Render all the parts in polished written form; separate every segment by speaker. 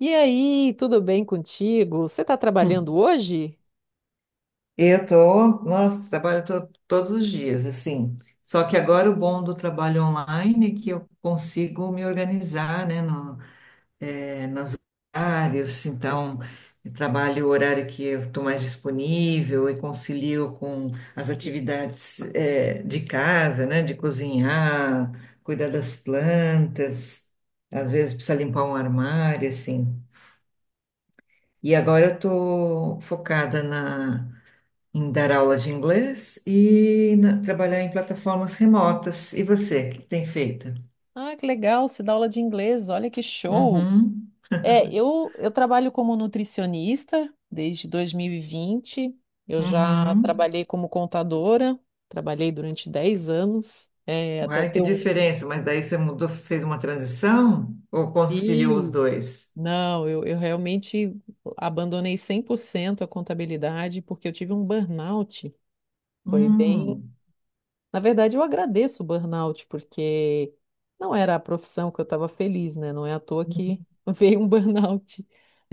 Speaker 1: E aí, tudo bem contigo? Você está
Speaker 2: Hum.
Speaker 1: trabalhando hoje?
Speaker 2: Eu tô, nossa, trabalho todos os dias, assim. Só que agora o bom do trabalho online é que eu consigo me organizar, né, no horários, então eu trabalho o horário que eu estou mais disponível e concilio com as atividades de casa, né, de cozinhar, cuidar das plantas, às vezes precisa limpar um armário, assim. E agora eu estou focada em dar aulas de inglês e trabalhar em plataformas remotas. E você, o que tem feito?
Speaker 1: Ah, que legal, você dá aula de inglês, olha que show!
Speaker 2: Uhum,
Speaker 1: É, eu trabalho como nutricionista desde 2020. Eu já
Speaker 2: uhum.
Speaker 1: trabalhei como contadora, trabalhei durante 10 anos, até
Speaker 2: Uai, que
Speaker 1: ter um
Speaker 2: diferença, mas daí você mudou, fez uma transição ou conciliou os
Speaker 1: filho.
Speaker 2: dois?
Speaker 1: Não, eu realmente abandonei 100% a contabilidade porque eu tive um burnout. Foi bem
Speaker 2: Hum,
Speaker 1: Na verdade, eu agradeço o burnout, porque não era a profissão que eu estava feliz, né? Não é à toa que veio um burnout.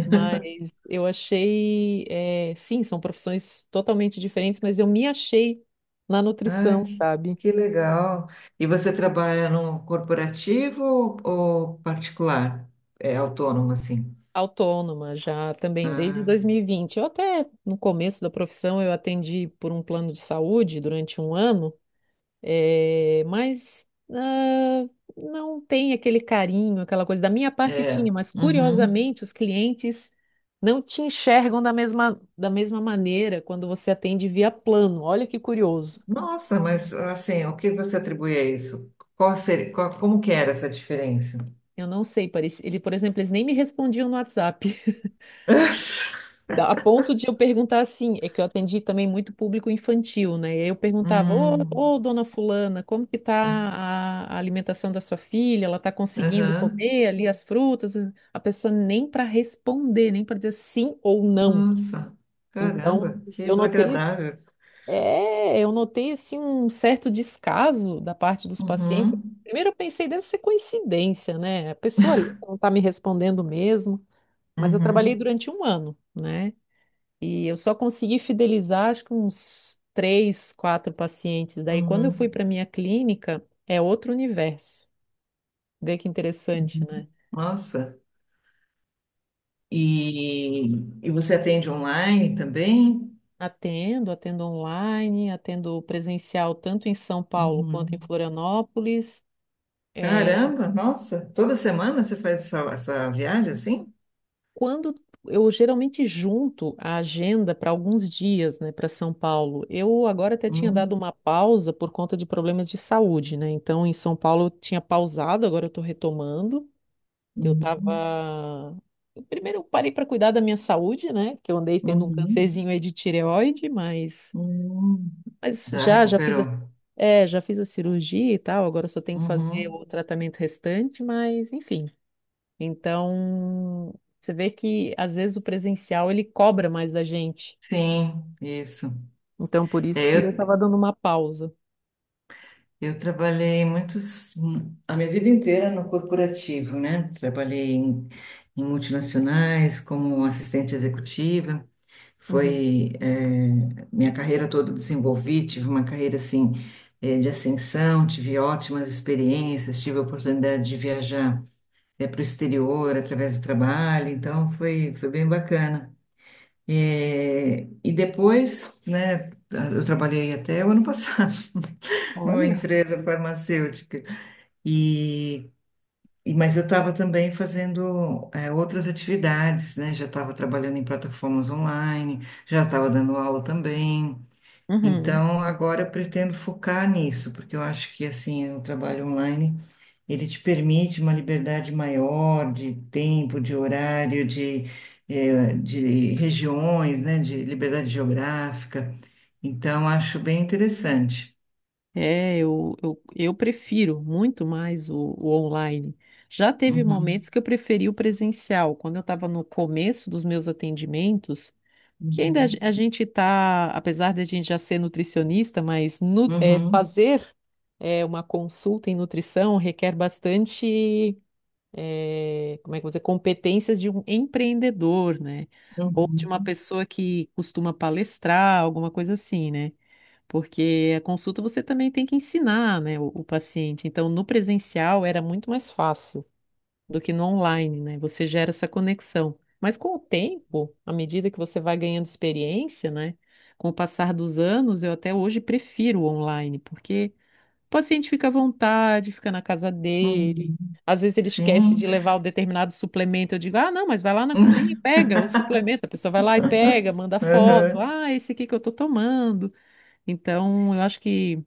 Speaker 1: Mas eu achei, sim, são profissões totalmente diferentes, mas eu me achei na
Speaker 2: ah,
Speaker 1: nutrição, sabe?
Speaker 2: que legal. E você trabalha no corporativo ou particular? É autônomo assim?
Speaker 1: Autônoma já também desde
Speaker 2: Ah,
Speaker 1: 2020. Eu até, no começo da profissão, eu atendi por um plano de saúde durante 1 ano. É, mas ah, não tem aquele carinho, aquela coisa. Da minha parte
Speaker 2: é.
Speaker 1: tinha, mas
Speaker 2: Uhum.
Speaker 1: curiosamente os clientes não te enxergam da mesma maneira quando você atende via plano. Olha que curioso.
Speaker 2: Nossa, mas assim, o que você atribui a isso? Qual seria, como que era essa diferença?
Speaker 1: Eu não sei, ele, por exemplo, eles nem me respondiam no WhatsApp. A ponto de eu perguntar assim, é que eu atendi também muito público infantil, né? E aí eu perguntava, ô,
Speaker 2: Hum,
Speaker 1: ô, dona fulana, como que tá
Speaker 2: é,
Speaker 1: a alimentação da sua filha? Ela tá conseguindo
Speaker 2: aham.
Speaker 1: comer ali as frutas? A pessoa nem para responder, nem para dizer sim ou não.
Speaker 2: Nossa,
Speaker 1: Então,
Speaker 2: caramba, que
Speaker 1: eu notei,
Speaker 2: desagradável.
Speaker 1: eu notei assim um certo descaso da parte dos pacientes.
Speaker 2: Uhum,
Speaker 1: Primeiro eu pensei, deve ser coincidência, né? A pessoa ali não tá me respondendo mesmo, mas eu trabalhei
Speaker 2: uhum,
Speaker 1: durante 1 ano, né? E eu só consegui fidelizar, acho que uns três, quatro pacientes. Daí, quando eu fui
Speaker 2: uhum.
Speaker 1: para minha clínica, é outro universo. Vê que interessante, né?
Speaker 2: Nossa. E, e você atende online também?
Speaker 1: Atendo, atendo online, atendo presencial tanto em São Paulo quanto em
Speaker 2: Uhum.
Speaker 1: Florianópolis. É,
Speaker 2: Caramba, nossa, toda semana você faz essa viagem assim?
Speaker 1: quando eu geralmente junto a agenda para alguns dias, né, para São Paulo. Eu agora até tinha dado
Speaker 2: Hum,
Speaker 1: uma pausa por conta de problemas de saúde, né? Então, em São Paulo eu tinha pausado, agora eu estou retomando. Eu
Speaker 2: uhum,
Speaker 1: tava. Eu primeiro eu parei para cuidar da minha saúde, né? Que eu andei tendo um
Speaker 2: uhum,
Speaker 1: cancerzinho aí de tireoide,
Speaker 2: uhum.
Speaker 1: mas
Speaker 2: Já
Speaker 1: já fiz
Speaker 2: recuperou.
Speaker 1: a... É, já fiz a cirurgia e tal, agora eu só tenho que fazer o
Speaker 2: Uhum.
Speaker 1: tratamento restante, mas enfim. Então, você vê que às vezes o presencial ele cobra mais da gente.
Speaker 2: Sim, isso.
Speaker 1: Então, por isso
Speaker 2: É,
Speaker 1: que eu tava
Speaker 2: eu,
Speaker 1: dando uma pausa.
Speaker 2: eu trabalhei muitos, a minha vida inteira no corporativo, né? Trabalhei em, em multinacionais como assistente executiva.
Speaker 1: Uhum.
Speaker 2: Foi, é, minha carreira toda eu desenvolvi, tive uma carreira assim, é, de ascensão, tive ótimas experiências, tive a oportunidade de viajar, é, para o exterior através do trabalho, então foi, foi bem bacana. É, e depois, né, eu trabalhei até o ano passado numa
Speaker 1: Olha.
Speaker 2: empresa farmacêutica. E, mas eu estava também fazendo outras atividades, né? Já estava trabalhando em plataformas online, já estava dando aula também.
Speaker 1: Uhum.
Speaker 2: Então agora eu pretendo focar nisso, porque eu acho que assim o trabalho online ele te permite uma liberdade maior de tempo, de horário, de, de regiões, né? De liberdade geográfica. Então, acho bem interessante.
Speaker 1: É, eu prefiro muito mais o online. Já teve
Speaker 2: Uhum,
Speaker 1: momentos que eu preferi o presencial, quando eu estava no começo dos meus atendimentos, que ainda a ge-
Speaker 2: uhum,
Speaker 1: a gente está, apesar de a gente já ser nutricionista,
Speaker 2: uhum,
Speaker 1: fazer uma consulta em nutrição requer bastante, como é que eu vou dizer, competências de um empreendedor, né? Ou de
Speaker 2: uhum,
Speaker 1: uma pessoa que costuma palestrar, alguma coisa assim, né? Porque a consulta você também tem que ensinar, né, o paciente. Então, no presencial era muito mais fácil do que no online, né? Você gera essa conexão. Mas com o tempo, à medida que você vai ganhando experiência, né? Com o passar dos anos, eu até hoje prefiro o online, porque o paciente fica à vontade, fica na casa dele.
Speaker 2: uhum.
Speaker 1: Às vezes ele esquece
Speaker 2: Sim.
Speaker 1: de levar o determinado suplemento. Eu digo, ah, não, mas vai lá na cozinha e pega o suplemento. A pessoa vai lá e pega, manda foto.
Speaker 2: Uhum,
Speaker 1: Ah, esse aqui que eu tô tomando. Então, eu acho que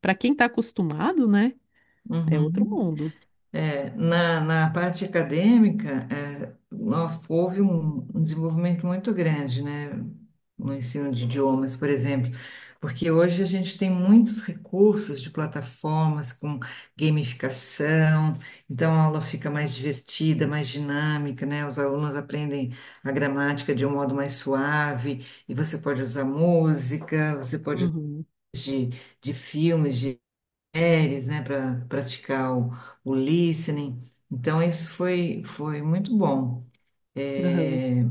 Speaker 1: para quem está acostumado, né, é outro
Speaker 2: uhum.
Speaker 1: mundo.
Speaker 2: É, na parte acadêmica, é, houve um, um desenvolvimento muito grande, né, no ensino de idiomas, por exemplo, porque hoje a gente tem muitos recursos de plataformas com gamificação, então a aula fica mais divertida, mais dinâmica, né, os alunos aprendem a gramática de um modo mais suave, e você pode usar música, você pode usar
Speaker 1: Uhum.
Speaker 2: de, de filmes, séries, né, para praticar o listening. Então, isso foi, foi muito bom.
Speaker 1: Aham.
Speaker 2: É,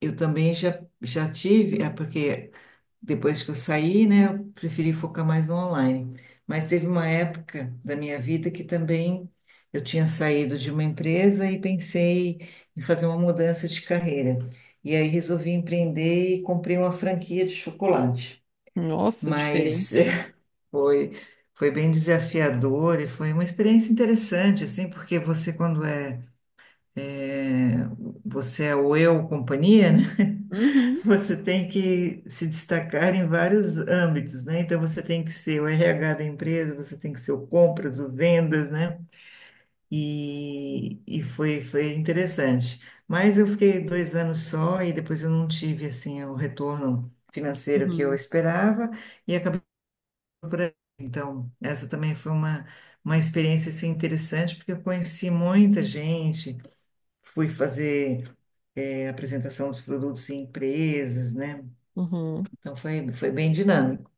Speaker 2: eu também já, já tive, é porque depois que eu saí, né, eu preferi focar mais no online. Mas teve uma época da minha vida que também eu tinha saído de uma empresa e pensei em fazer uma mudança de carreira. E aí resolvi empreender e comprei uma franquia de chocolate.
Speaker 1: Nossa,
Speaker 2: Mas
Speaker 1: diferente.
Speaker 2: foi, foi bem desafiador e foi uma experiência interessante, assim, porque você, quando é, é, você é o eu companhia, né?
Speaker 1: Uhum.
Speaker 2: Você tem que se destacar em vários âmbitos, né? Então, você tem que ser o RH da empresa, você tem que ser o compras, o vendas, né? E foi, foi interessante. Mas eu fiquei dois anos só e depois eu não tive, assim, o retorno financeiro que eu
Speaker 1: Uhum.
Speaker 2: esperava e acabei por aí. Então, essa também foi uma experiência assim, interessante, porque eu conheci muita gente, fui fazer apresentação dos produtos em empresas, né?
Speaker 1: Uhum.
Speaker 2: Então, foi, foi bem dinâmico.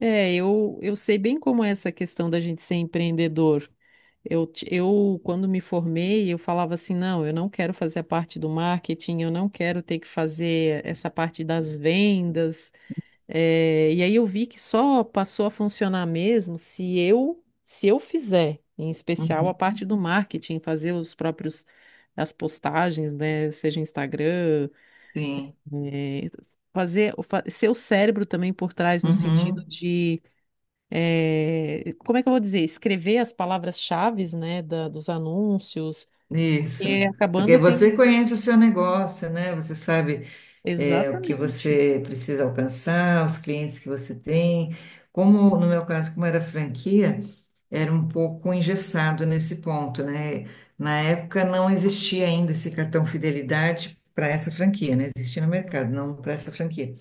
Speaker 1: É, eu sei bem como é essa questão da gente ser empreendedor. Eu, quando me formei, eu falava assim, não, eu não quero fazer a parte do marketing, eu não quero ter que fazer essa parte das vendas. É, e aí eu vi que só passou a funcionar mesmo se eu fizer, em especial a
Speaker 2: Uhum.
Speaker 1: parte do marketing, fazer os próprios as postagens, né, seja Instagram,
Speaker 2: Sim,
Speaker 1: é, ser o cérebro também por trás no sentido
Speaker 2: uhum.
Speaker 1: de como é que eu vou dizer, escrever as palavras-chaves, né, dos anúncios,
Speaker 2: Isso.
Speaker 1: porque acabando
Speaker 2: Porque
Speaker 1: eu tenho
Speaker 2: você conhece o seu negócio, né? Você sabe é, o que
Speaker 1: exatamente.
Speaker 2: você precisa alcançar, os clientes que você tem. Como no meu caso, como era franquia, era um pouco engessado nesse ponto, né? Na época não existia ainda esse cartão fidelidade para essa franquia, né? Existia no mercado, não para essa franquia.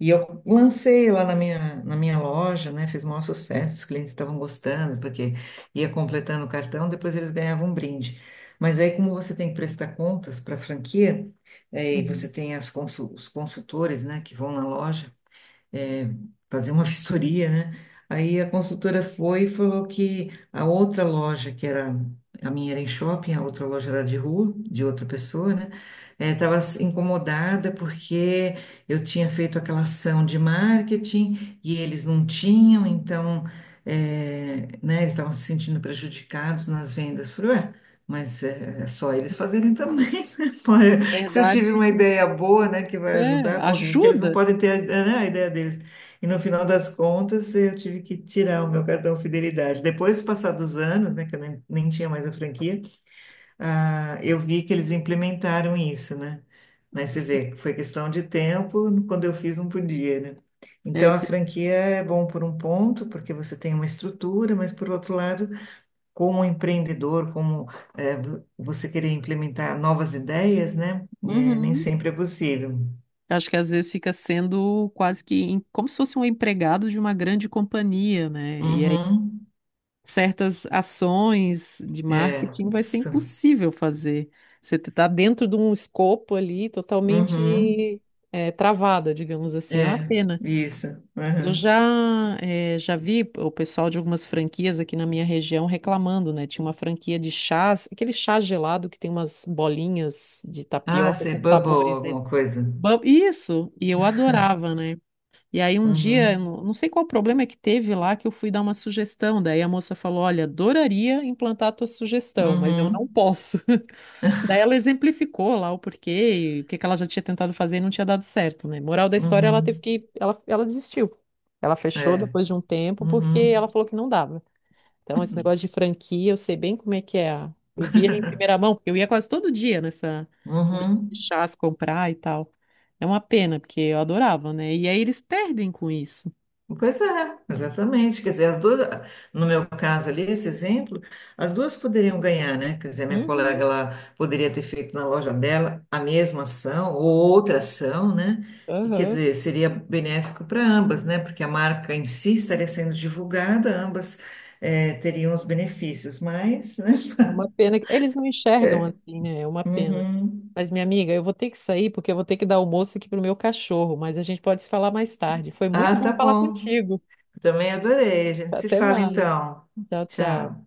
Speaker 2: E eu lancei lá na minha loja, né? Fiz o maior sucesso, os clientes estavam gostando, porque ia completando o cartão, depois eles ganhavam um brinde. Mas aí, como você tem que prestar contas para a franquia, eh, e você
Speaker 1: Uhum.
Speaker 2: tem as os consultores, né, que vão na loja, é, fazer uma vistoria, né? Aí a consultora foi e falou que a outra loja, que era, a minha era em shopping, a outra loja era de rua, de outra pessoa, né? Estava incomodada porque eu tinha feito aquela ação de marketing e eles não tinham, então, é, né, eles estavam se sentindo prejudicados nas vendas. Falei, ué, mas é só eles fazerem também, né? Se eu tive
Speaker 1: Verdade,
Speaker 2: uma ideia boa, né, que vai
Speaker 1: é,
Speaker 2: ajudar, porque que eles não
Speaker 1: ajuda.
Speaker 2: podem ter, né, a ideia deles. E no final das contas, eu tive que tirar o meu cartão fidelidade. Depois, do passar dos anos, né, que eu nem, nem tinha mais a franquia, ah, eu vi que eles implementaram isso, né? Mas você vê, foi questão de tempo, quando eu fiz, não podia, né?
Speaker 1: É,
Speaker 2: Então, a
Speaker 1: se-
Speaker 2: franquia é bom por um ponto, porque você tem uma estrutura, mas por outro lado, como empreendedor, como é, você querer implementar novas ideias, né? É, nem
Speaker 1: Uhum.
Speaker 2: sempre é possível.
Speaker 1: Eu acho que às vezes fica sendo quase que como se fosse um empregado de uma grande companhia, né? E aí
Speaker 2: Uhum.
Speaker 1: certas ações de
Speaker 2: É,
Speaker 1: marketing vai ser
Speaker 2: isso.
Speaker 1: impossível fazer. Você está dentro de um escopo ali
Speaker 2: Uhum.
Speaker 1: totalmente travada, digamos assim. É uma
Speaker 2: É,
Speaker 1: pena.
Speaker 2: isso.
Speaker 1: Eu
Speaker 2: Uhum.
Speaker 1: já, já vi o pessoal de algumas franquias aqui na minha região reclamando, né? Tinha uma franquia de chás, aquele chá gelado que tem umas bolinhas de
Speaker 2: Ah,
Speaker 1: tapioca com
Speaker 2: ser bubble,
Speaker 1: sabores dentro.
Speaker 2: alguma coisa.
Speaker 1: Isso, e eu adorava, né? E aí um dia, eu
Speaker 2: Uhum.
Speaker 1: não sei qual problema que teve lá, que eu fui dar uma sugestão. Daí a moça falou: Olha, adoraria implantar a tua sugestão, mas eu não
Speaker 2: Uhum.
Speaker 1: posso. Daí ela exemplificou lá o porquê, e o que que ela já tinha tentado fazer e não tinha dado certo, né? Moral da história, ela teve
Speaker 2: Uhum.
Speaker 1: ela desistiu. Ela fechou
Speaker 2: É.
Speaker 1: depois de um tempo porque
Speaker 2: Uhum.
Speaker 1: ela falou que não dava. Então, esse negócio de franquia, eu sei bem como é que é. Eu vi ele em primeira mão, porque eu ia quase todo dia nessa loja de
Speaker 2: Uhum.
Speaker 1: chás comprar e tal. É uma pena, porque eu adorava, né? E aí eles perdem com isso.
Speaker 2: Pois é, exatamente. Quer dizer, as duas, no meu caso ali, esse exemplo, as duas poderiam ganhar, né? Quer dizer, a minha
Speaker 1: Uhum,
Speaker 2: colega, ela poderia ter feito na loja dela a mesma ação ou outra ação, né? E quer
Speaker 1: aham.
Speaker 2: dizer, seria benéfico para ambas, né? Porque a marca em si estaria sendo divulgada, ambas, eh, teriam os benefícios, mas, né?
Speaker 1: É uma pena. Eles não enxergam
Speaker 2: É.
Speaker 1: assim, né? É uma pena.
Speaker 2: Uhum.
Speaker 1: Mas, minha amiga, eu vou ter que sair porque eu vou ter que dar almoço aqui pro meu cachorro, mas a gente pode se falar mais tarde. Foi muito
Speaker 2: Ah,
Speaker 1: bom
Speaker 2: tá
Speaker 1: falar
Speaker 2: bom.
Speaker 1: contigo.
Speaker 2: Também adorei. A gente se
Speaker 1: Até
Speaker 2: fala
Speaker 1: mais.
Speaker 2: então.
Speaker 1: Tchau, tchau.
Speaker 2: Tchau.